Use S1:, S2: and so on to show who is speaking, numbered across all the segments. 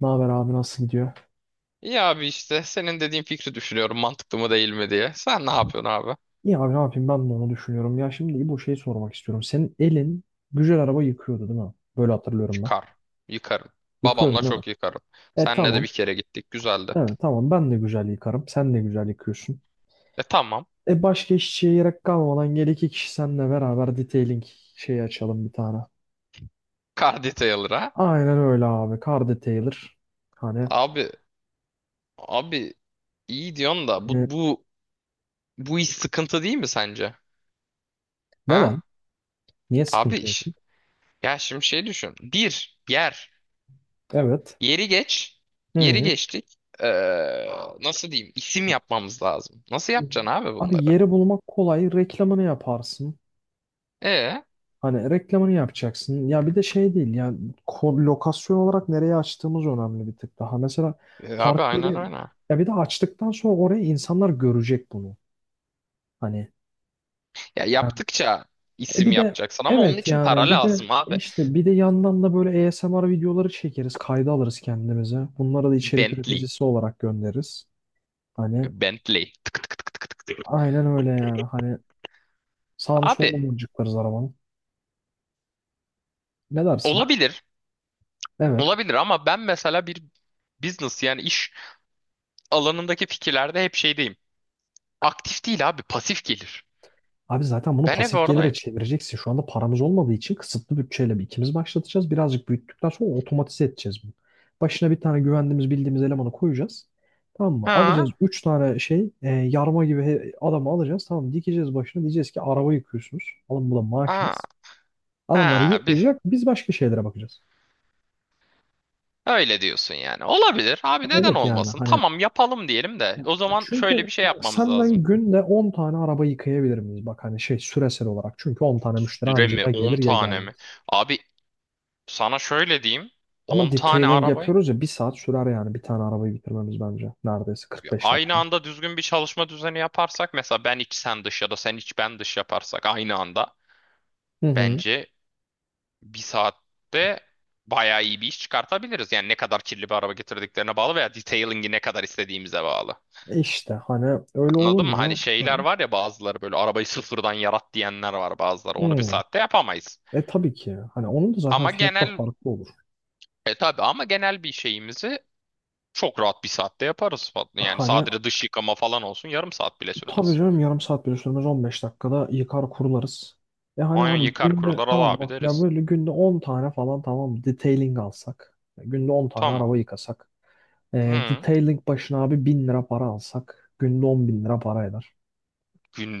S1: Ne haber abi, nasıl gidiyor?
S2: İyi abi işte senin dediğin fikri düşünüyorum mantıklı mı değil mi diye. Sen ne yapıyorsun abi?
S1: İyi abi, ne yapayım, ben de onu düşünüyorum. Ya şimdi bu şeyi sormak istiyorum. Senin elin güzel araba yıkıyordu değil mi? Böyle hatırlıyorum ben.
S2: Çıkar. Yıkarım.
S1: Yıkıyordun
S2: Babamla
S1: değil mi?
S2: çok yıkarım.
S1: E
S2: Senle de
S1: tamam.
S2: bir kere gittik. Güzeldi.
S1: Evet, tamam, ben de güzel yıkarım. Sen de güzel yıkıyorsun.
S2: E tamam.
S1: E başka işçiye gerek kalmadan gel iki kişi seninle beraber detailing şeyi açalım bir tane.
S2: Car Detailer'a.
S1: Aynen öyle abi. Car detailer. Hani,
S2: Abi abi iyi diyorsun da
S1: e,
S2: bu iş sıkıntı değil mi sence? Ha?
S1: neden? Niye
S2: Abi
S1: sıkıntı olsun?
S2: iş. Ya şimdi şey düşün. Bir yer.
S1: Evet.
S2: Yeri geç. Yeri
S1: Hı.
S2: geçtik. Nasıl diyeyim? İsim yapmamız lazım. Nasıl yapacaksın abi
S1: Abi
S2: bunları?
S1: yeri bulmak kolay. Reklamını yaparsın.
S2: E,
S1: Hani reklamını yapacaksın. Ya bir de şey değil. Ya lokasyon olarak nereye açtığımız önemli, bir tık daha. Mesela
S2: e
S1: park
S2: abi aynen
S1: yeri,
S2: öyle.
S1: ya bir de açtıktan sonra oraya insanlar görecek bunu. Hani
S2: Ya
S1: yani,
S2: yaptıkça isim
S1: bir de
S2: yapacaksın ama onun
S1: evet
S2: için
S1: yani
S2: para
S1: bir de
S2: lazım abi.
S1: işte bir de yandan da böyle ASMR videoları çekeriz, kayda alırız kendimize. Bunları da içerik
S2: Bentley.
S1: üreticisi olarak göndeririz. Hani
S2: Bentley. Tık tık tık tık tık.
S1: aynen öyle yani. Hani sağını
S2: Abi
S1: solunu mıncıklarız arabanın. Ne dersin?
S2: olabilir.
S1: Evet.
S2: Olabilir ama ben mesela bir business yani iş alanındaki fikirlerde hep şeydeyim. Aktif değil abi pasif gelir.
S1: Abi zaten bunu
S2: Ben hep
S1: pasif gelire
S2: oradayım.
S1: çevireceksin. Şu anda paramız olmadığı için kısıtlı bütçeyle bir ikimiz başlatacağız. Birazcık büyüttükten sonra otomatize edeceğiz bunu. Başına bir tane güvendiğimiz bildiğimiz elemanı koyacağız. Tamam mı? Alacağız
S2: Ha,
S1: 3 tane şey, yarma gibi adamı alacağız. Tamam, dikeceğiz başına, diyeceğiz ki araba yıkıyorsunuz. Alın, bu da
S2: ha,
S1: maaşınız. Adamları
S2: ha, bir,
S1: yıkayacak, biz başka şeylere bakacağız.
S2: öyle diyorsun yani. Olabilir abi neden
S1: Evet yani
S2: olmasın?
S1: hani,
S2: Tamam yapalım diyelim de o zaman
S1: çünkü
S2: şöyle bir şey
S1: bak,
S2: yapmamız
S1: senden
S2: lazım.
S1: günde 10 tane araba yıkayabilir miyiz? Bak hani şey, süresel olarak. Çünkü 10 tane müşteri
S2: Süre
S1: anca
S2: mi
S1: ya
S2: 10
S1: gelir ya
S2: tane
S1: gelmez.
S2: mi? Abi sana şöyle diyeyim.
S1: Ama
S2: On tane
S1: detailing
S2: arabayı
S1: yapıyoruz ya, bir saat sürer yani, bir tane arabayı bitirmemiz bence. Neredeyse 45
S2: Aynı
S1: dakika.
S2: anda düzgün bir çalışma düzeni yaparsak mesela ben iç sen dış ya da sen iç ben dış yaparsak aynı anda
S1: Hı hı.
S2: bence bir saatte bayağı iyi bir iş çıkartabiliriz. Yani ne kadar kirli bir araba getirdiklerine bağlı veya detailing'i ne kadar istediğimize bağlı.
S1: İşte hani öyle
S2: Anladın mı?
S1: olunca
S2: Hani
S1: hani,
S2: şeyler var ya bazıları böyle arabayı sıfırdan yarat diyenler var bazıları. Onu bir
S1: hı.
S2: saatte yapamayız.
S1: E tabii ki, hani onun da zaten
S2: Ama
S1: fiyatı da
S2: genel
S1: farklı olur.
S2: tabii ama genel bir şeyimizi çok rahat bir saatte yaparız. Yani
S1: Hani
S2: sadece dış yıkama falan olsun yarım saat bile
S1: tabii
S2: sürmez.
S1: canım, yarım saat bile sürmez, 15 dakikada yıkar kurularız. E hani
S2: Aynen
S1: abi
S2: yıkar
S1: günde,
S2: kurular al
S1: tamam
S2: abi
S1: bak, ya
S2: deriz.
S1: böyle günde 10 tane falan tamam detailing alsak. Günde 10 tane
S2: Tamam.
S1: araba yıkasak. E,
S2: Hı,
S1: detailing başına abi 1000 lira para alsak. Günde 10 bin lira para eder.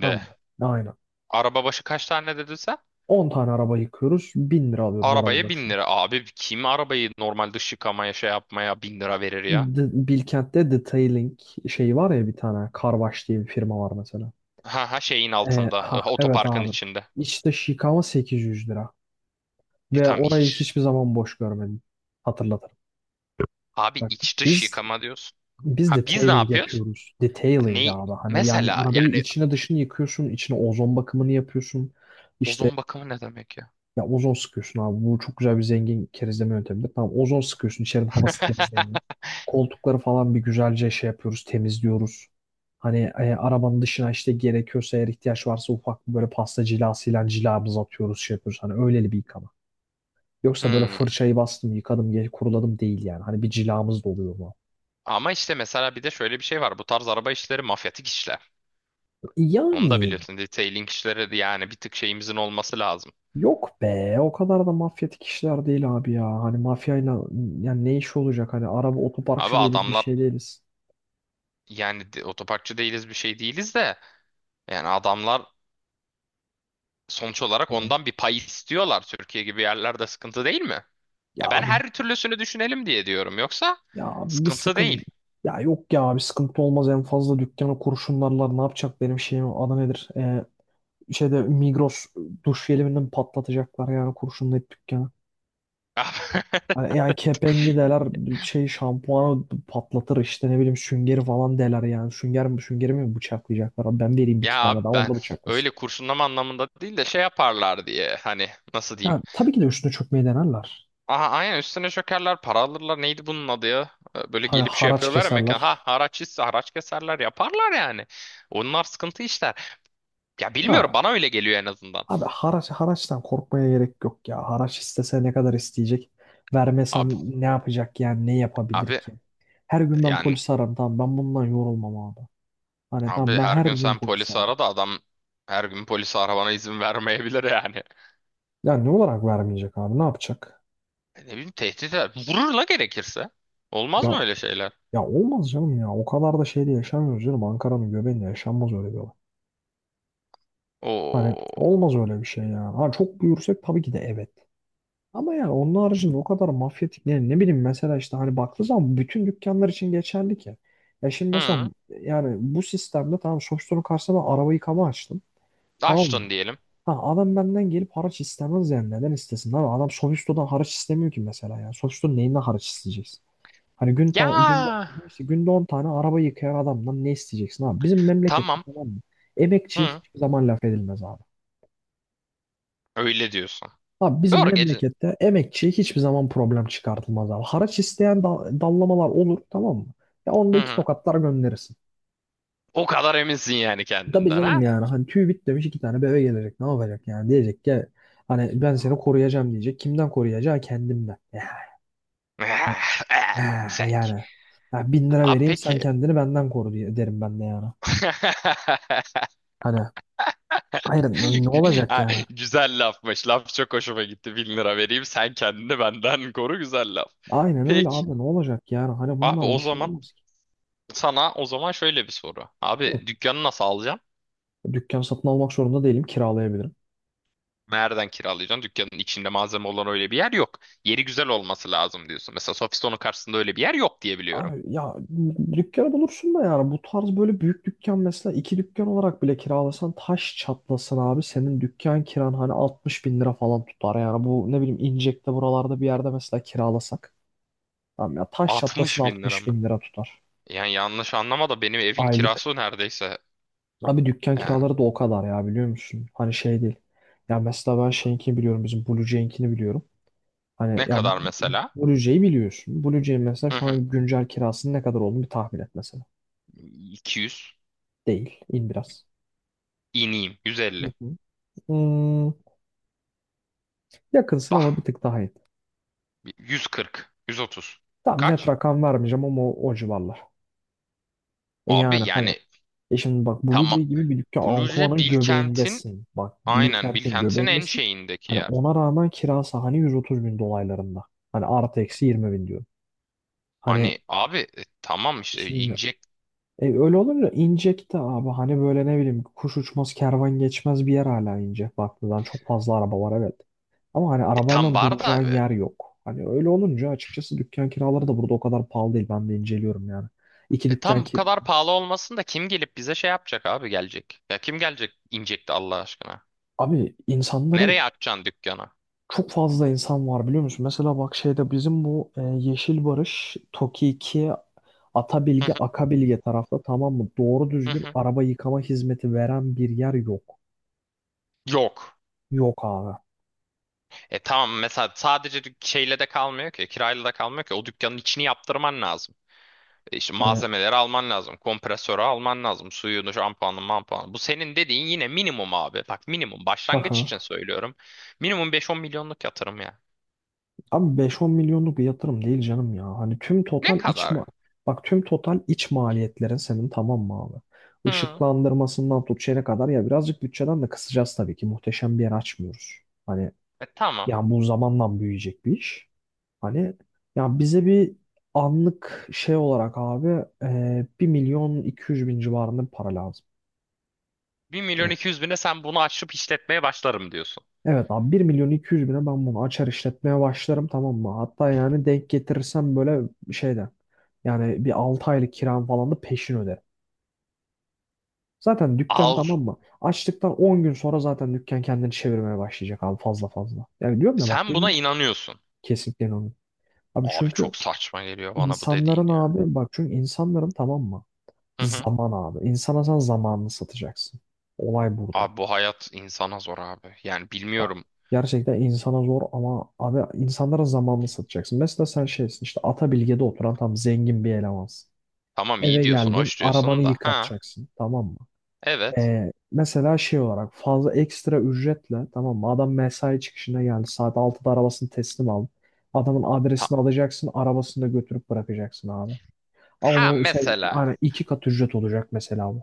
S1: Tamam mı? Aynen.
S2: Araba başı kaç tane dedin sen?
S1: 10 tane araba yıkıyoruz, 1000 lira alıyoruz araba
S2: Arabaya bin
S1: başına.
S2: lira. Abi kim arabayı normal dış yıkamaya şey yapmaya 1.000 lira verir ya?
S1: Bilkent'te detailing şeyi var ya, bir tane. Carwash diye bir firma var mesela.
S2: Ha ha şeyin altında.
S1: Ha evet
S2: Otoparkın
S1: abi.
S2: içinde.
S1: İşte yıkama 800 lira.
S2: E
S1: Ve
S2: tam
S1: orayı
S2: iç.
S1: hiçbir zaman boş görmedim. Hatırlatırım.
S2: Abi
S1: Bak,
S2: iç dış
S1: biz
S2: yıkama diyorsun.
S1: biz
S2: Ha biz ne
S1: detailing
S2: yapıyoruz?
S1: yapıyoruz.
S2: Ha,
S1: Detailing
S2: ne?
S1: abi. Hani yani
S2: Mesela
S1: arabayı
S2: yani
S1: içine dışını yıkıyorsun, içine ozon bakımını yapıyorsun. İşte,
S2: ozon bakımı ne demek ya?
S1: ya ozon sıkıyorsun abi. Bu çok güzel bir zengin kerizleme yöntemidir. Tamam, ozon sıkıyorsun, İçerinin havası temizleniyor. Koltukları falan bir güzelce şey yapıyoruz, temizliyoruz. Hani arabanın dışına işte, gerekiyorsa, eğer ihtiyaç varsa, ufak bir böyle pasta cilasıyla cilamızı atıyoruz, şey yapıyoruz. Hani öyleli bir yıkama. Yoksa böyle
S2: Hmm.
S1: fırçayı bastım yıkadım kuruladım değil yani. Hani bir cilamız da oluyor mu?
S2: Ama işte mesela bir de şöyle bir şey var. Bu tarz araba işleri mafyatik işler. Onu da
S1: Yani
S2: biliyorsun. Detailing işleri de yani bir tık şeyimizin olması lazım.
S1: yok be, o kadar da mafyatik işler değil abi ya. Hani mafyayla yani, ne iş olacak, hani araba
S2: Abi
S1: otoparkçı değiliz, bir
S2: adamlar
S1: şey değiliz.
S2: yani otoparkçı değiliz bir şey değiliz de yani adamlar sonuç olarak
S1: E,
S2: ondan bir pay istiyorlar. Türkiye gibi yerlerde sıkıntı değil mi?
S1: ya
S2: Ya ben
S1: abi
S2: her türlüsünü düşünelim diye diyorum. Yoksa
S1: Ya abi, bir
S2: sıkıntı
S1: sıkın.
S2: değil.
S1: Ya yok ya, bir sıkıntı olmaz, en fazla dükkanı kurşunlarlar, ne yapacak, benim şeyim adı nedir? Şeyde Migros duş jeliminden patlatacaklar yani, kurşunlayıp dükkanı. Hani yani kepengi deler, şey şampuanı patlatır, işte ne bileyim, süngeri falan deler yani. Sünger mi süngeri mi bıçaklayacaklar abi, ben vereyim bir iki
S2: Ya
S1: tane daha,
S2: abi
S1: onu
S2: ben
S1: da bıçaklasın.
S2: öyle kurşunlama anlamında değil de şey yaparlar diye hani nasıl diyeyim.
S1: Yani tabii ki de üstüne çökmeyi denerler.
S2: Aha aynen üstüne çökerler para alırlar neydi bunun adı ya. Böyle
S1: Hani
S2: gelip şey
S1: haraç
S2: yapıyorlar ya mekan
S1: keserler.
S2: haraç ise haraç keserler yaparlar yani. Onlar sıkıntı işler. Ya bilmiyorum
S1: Ya
S2: bana öyle geliyor en azından.
S1: abi, haraç, haraçtan korkmaya gerek yok ya. Haraç istese ne kadar isteyecek?
S2: Abi
S1: Vermesem ne yapacak yani? Ne yapabilir
S2: abi
S1: ki? Her gün ben
S2: yani
S1: polis ararım. Tamam, ben bundan yorulmam abi. Hani tamam,
S2: abi
S1: ben
S2: her
S1: her
S2: gün
S1: gün
S2: sen
S1: polis
S2: polisi
S1: ararım.
S2: ara da adam her gün polisi aramana izin vermeyebilir yani.
S1: Ya ne olarak vermeyecek abi? Ne yapacak?
S2: E ne bileyim tehdit eder. Vurur la gerekirse. Olmaz
S1: Ya,
S2: mı öyle şeyler?
S1: ya olmaz canım ya. O kadar da şeyde yaşamıyoruz canım. Ankara'nın göbeğinde yaşanmaz öyle bir olay. Hani
S2: Oo.
S1: olmaz öyle bir şey ya. Ha, çok büyürsek tabii ki de evet. Ama yani onun haricinde o kadar mafyatik, yani ne bileyim, mesela işte hani baktığı zaman bütün dükkanlar için geçerli ki. Ya şimdi mesela
S2: Hı.
S1: yani, bu sistemde tamam, Shopstone'un karşısına ben araba yıkama açtım. Tamam mı?
S2: Açtın diyelim.
S1: Ha, adam benden gelip haraç istemez yani, neden istesin abi? Adam Shopstone'dan haraç istemiyor ki mesela yani. Shopstone neyinden haraç isteyeceksin? Hani gün
S2: Ya
S1: günde işte, günde 10 tane araba yıkayan adamdan ne isteyeceksin abi? Bizim memlekette,
S2: tamam.
S1: tamam mı? Emekçiye
S2: Hı.
S1: hiçbir zaman laf edilmez abi.
S2: Öyle diyorsun.
S1: Abi bizim
S2: Doğru gece.
S1: memlekette emekçiye hiçbir zaman problem çıkartılmaz abi. Haraç isteyen dallamalar olur, tamam mı? Ya
S2: Hı
S1: onda iki
S2: hı.
S1: tokatlar gönderirsin.
S2: O kadar eminsin yani
S1: Tabii
S2: kendinden ha?
S1: canım yani hani, tüy bit demiş iki tane bebe gelecek, ne yapacak yani, diyecek ki hani ben seni koruyacağım diyecek. Kimden koruyacağı? Kendimden.
S2: Eh, eh, sen.
S1: Yani, ya bin lira
S2: Abi
S1: vereyim sen
S2: peki.
S1: kendini benden koru diye derim ben de yani. Hani hayır, ne olacak
S2: Ha,
S1: yani?
S2: güzel lafmış. Laf çok hoşuma gitti. 1.000 lira vereyim sen kendini benden koru güzel laf.
S1: Aynen öyle
S2: Peki
S1: abi, ne olacak yani, hani
S2: abi
S1: bundan
S2: o
S1: bir şey
S2: zaman
S1: olmaz ki.
S2: sana o zaman şöyle bir soru.
S1: Hı.
S2: Abi dükkanı nasıl alacaksın?
S1: Dükkan satın almak zorunda değilim, kiralayabilirim.
S2: Nereden kiralayacaksın? Dükkanın içinde malzeme olan öyle bir yer yok. Yeri güzel olması lazım diyorsun. Mesela Sofiston'un karşısında öyle bir yer yok diye biliyorum.
S1: Abi ya dükkanı bulursun da yani, bu tarz böyle büyük dükkan mesela iki dükkan olarak bile kiralasan taş çatlasın abi, senin dükkan kiran hani 60.000 lira falan tutar yani, bu ne bileyim İncek'te buralarda bir yerde mesela kiralasak, tamam ya, taş çatlasın
S2: 60.000 lira
S1: altmış
S2: mı?
S1: bin lira tutar
S2: Yani yanlış anlama da benim evin
S1: aylık.
S2: kirası neredeyse
S1: Abi dükkan
S2: yani
S1: kiraları da o kadar ya, biliyor musun? Hani şey değil. Ya mesela ben şeyinkini biliyorum, bizim Blue Jay'inkini biliyorum. Hani
S2: ne
S1: ya,
S2: kadar mesela?
S1: Blue Jay'i biliyorsun. Blue Jay'in mesela
S2: Hı
S1: şu
S2: hı.
S1: an güncel kirasının ne kadar olduğunu bir tahmin et mesela.
S2: 200.
S1: Değil. İn biraz.
S2: İneyim. 150.
S1: Hmm, yakınsın ama bir
S2: Bah.
S1: tık daha iyi.
S2: 140. 130.
S1: Tam net
S2: Kaç?
S1: rakam vermeyeceğim ama o civarlar.
S2: Abi
S1: Yani hani
S2: yani
S1: şimdi bak Blue
S2: tamam.
S1: Jay gibi bir dükkan
S2: Blue'ce
S1: Ankuva'nın
S2: Bilkent'in
S1: göbeğindesin. Bak
S2: aynen
S1: Bilkent'in
S2: Bilkent'in en
S1: göbeğindesin.
S2: şeyindeki
S1: Hani
S2: yer.
S1: ona rağmen kirası hani 130 bin dolaylarında. Hani artı eksi 20 bin diyorum. Hani
S2: Hani abi tamam işte
S1: şimdi,
S2: inecek.
S1: Öyle olunca inecekti abi. Hani böyle ne bileyim, kuş uçmaz kervan geçmez bir yer, hala ince. Baktığından çok fazla araba var evet. Ama hani
S2: E, tam
S1: arabayla
S2: var da
S1: duracağın yer yok. Hani öyle olunca açıkçası dükkan kiraları da burada o kadar pahalı değil. Ben de inceliyorum yani. İki dükkan
S2: tam bu
S1: ki
S2: kadar pahalı olmasın da kim gelip bize şey yapacak abi gelecek. Ya kim gelecek inecek Allah aşkına.
S1: abi insanların,
S2: Nereye açacaksın dükkanı?
S1: çok fazla insan var biliyor musun? Mesela bak şeyde bizim bu, Yeşil Barış, Toki 2,
S2: Hı
S1: Atabilge,
S2: hı,
S1: Akabilge tarafta, tamam mı? Doğru
S2: hı
S1: düzgün
S2: hı.
S1: araba yıkama hizmeti veren bir yer yok.
S2: Yok.
S1: Yok abi.
S2: E tamam mesela sadece şeyle de kalmıyor ki kirayla da kalmıyor ki o dükkanın içini yaptırman lazım. İşte
S1: Hani
S2: malzemeleri alman lazım. Kompresörü alman lazım. Suyunu, şampuanı, mampuanı. Bu senin dediğin yine minimum abi. Bak minimum. Başlangıç için söylüyorum. Minimum 5-10 milyonluk yatırım ya.
S1: abi, beş on milyonluk bir yatırım değil canım ya. Hani tüm
S2: Ne
S1: total iç
S2: kadar?
S1: ma bak, tüm total iç maliyetlerin senin, tamam mı abi?
S2: Hı.
S1: Işıklandırmasından tut şeye kadar ya, birazcık bütçeden de kısacağız tabii ki. Muhteşem bir yer açmıyoruz. Hani
S2: E tamam.
S1: yani bu zamanla büyüyecek bir iş. Hani ya, bize bir anlık şey olarak abi, 1 milyon iki yüz bin civarında bir para lazım.
S2: 1 milyon
S1: Hani
S2: 200 bine sen bunu açıp işletmeye başlarım diyorsun.
S1: evet abi, 1.200.000'e ben bunu açar işletmeye başlarım, tamam mı? Hatta yani denk getirirsem böyle şeyden yani, bir 6 aylık kiram falan da peşin öderim. Zaten dükkan,
S2: Al.
S1: tamam mı? Açtıktan 10 gün sonra zaten dükkan kendini çevirmeye başlayacak abi, fazla fazla. Yani diyorum ya bak
S2: Sen buna
S1: gün,
S2: inanıyorsun.
S1: kesinlikle inanıyorum. Abi
S2: Abi
S1: çünkü
S2: çok saçma geliyor bana bu dediğin
S1: insanların
S2: ya.
S1: abi bak, çünkü insanların, tamam mı?
S2: Hı hı.
S1: Zaman abi. İnsana sen zamanını satacaksın. Olay burada.
S2: Abi bu hayat insana zor abi. Yani bilmiyorum.
S1: Gerçekten insana zor ama abi insanlara zamanını satacaksın. Mesela sen şeysin işte, Atabilge'de oturan tam zengin bir elemansın.
S2: Tamam iyi
S1: Eve
S2: diyorsun,
S1: geldin,
S2: hoş
S1: arabanı
S2: diyorsun da. Ha,
S1: yıkatacaksın, tamam mı?
S2: evet.
S1: Mesela şey olarak fazla ekstra ücretle, tamam mı? Adam mesai çıkışına geldi, saat 6'da arabasını teslim aldı. Adamın
S2: Ha,
S1: adresini alacaksın, arabasını da götürüp bırakacaksın abi. Ama
S2: ha
S1: bu şey
S2: mesela.
S1: hani iki kat ücret olacak mesela bu.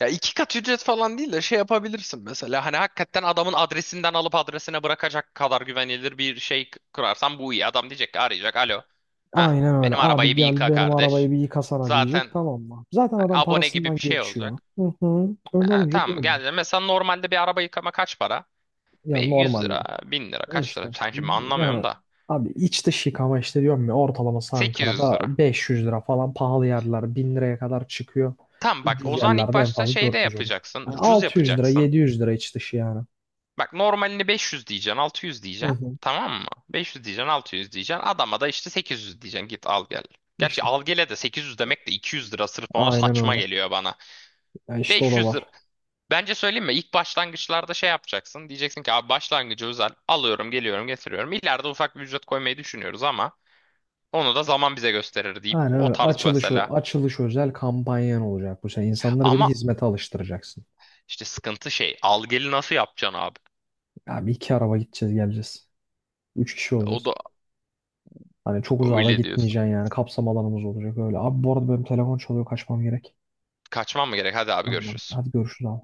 S2: Ya iki kat ücret falan değil de şey yapabilirsin mesela. Hani hakikaten adamın adresinden alıp adresine bırakacak kadar güvenilir bir şey kurarsan bu iyi. Adam diyecek ki arayacak. Alo. Ha
S1: Aynen öyle.
S2: benim
S1: Abi
S2: arabayı bir
S1: gel
S2: yıka
S1: benim arabayı
S2: kardeş.
S1: bir yıkasana diyecek,
S2: Zaten
S1: tamam mı? Zaten
S2: hani
S1: adam
S2: abone gibi
S1: parasından
S2: bir şey
S1: geçiyor.
S2: olacak.
S1: Hı hı. Öyle
S2: Ha,
S1: olunca diyor
S2: tamam
S1: mu?
S2: geldi. Mesela normalde bir araba yıkama kaç para?
S1: Ya
S2: 100
S1: normalde. Ya.
S2: lira, 1.000 lira kaç
S1: İşte
S2: lira? Sen şimdi anlamıyorum
S1: yani
S2: da.
S1: abi iç dış yıkama, işte diyorum ya, ortalaması
S2: sekiz yüz
S1: Ankara'da
S2: lira.
S1: 500 lira falan, pahalı yerler 1000 liraya kadar çıkıyor.
S2: Tamam bak
S1: Ucuz
S2: o zaman ilk
S1: yerlerde en
S2: başta
S1: fazla
S2: şeyde
S1: 400 olur.
S2: yapacaksın.
S1: Yani
S2: Ucuz
S1: 600 lira
S2: yapacaksın.
S1: 700 lira iç dışı yani.
S2: Bak normalini 500 diyeceksin, 600
S1: Hı
S2: diyeceksin.
S1: hı.
S2: Tamam mı? 500 diyeceksin, 600 diyeceksin. Adama da işte 800 diyeceksin. Git al gel. Gerçi
S1: İşte
S2: al gele de 800 demek de 200 lira sırf ona
S1: aynen
S2: saçma
S1: öyle.
S2: geliyor bana.
S1: Ya işte o da
S2: 500
S1: var.
S2: lira. Bence söyleyeyim mi? İlk başlangıçlarda şey yapacaksın. Diyeceksin ki abi başlangıcı özel. Alıyorum, geliyorum, getiriyorum. İleride ufak bir ücret koymayı düşünüyoruz ama onu da zaman bize gösterir deyip
S1: Aynen
S2: o
S1: öyle.
S2: tarz
S1: Açılış,
S2: mesela.
S1: açılış özel kampanyan olacak bu sene. İnsanları bir de
S2: Ama
S1: hizmete alıştıracaksın.
S2: işte sıkıntı şey. Al geli nasıl yapacaksın abi?
S1: Ya bir iki araba gideceğiz geleceğiz. Üç kişi
S2: O da
S1: olacağız. Hani çok uzağa da
S2: öyle diyorsun.
S1: gitmeyeceksin yani. Kapsam alanımız olacak öyle. Abi bu arada benim telefon çalıyor, kaçmam gerek.
S2: Kaçmam mı gerek? Hadi abi
S1: Aynen.
S2: görüşürüz.
S1: Hadi görüşürüz abi.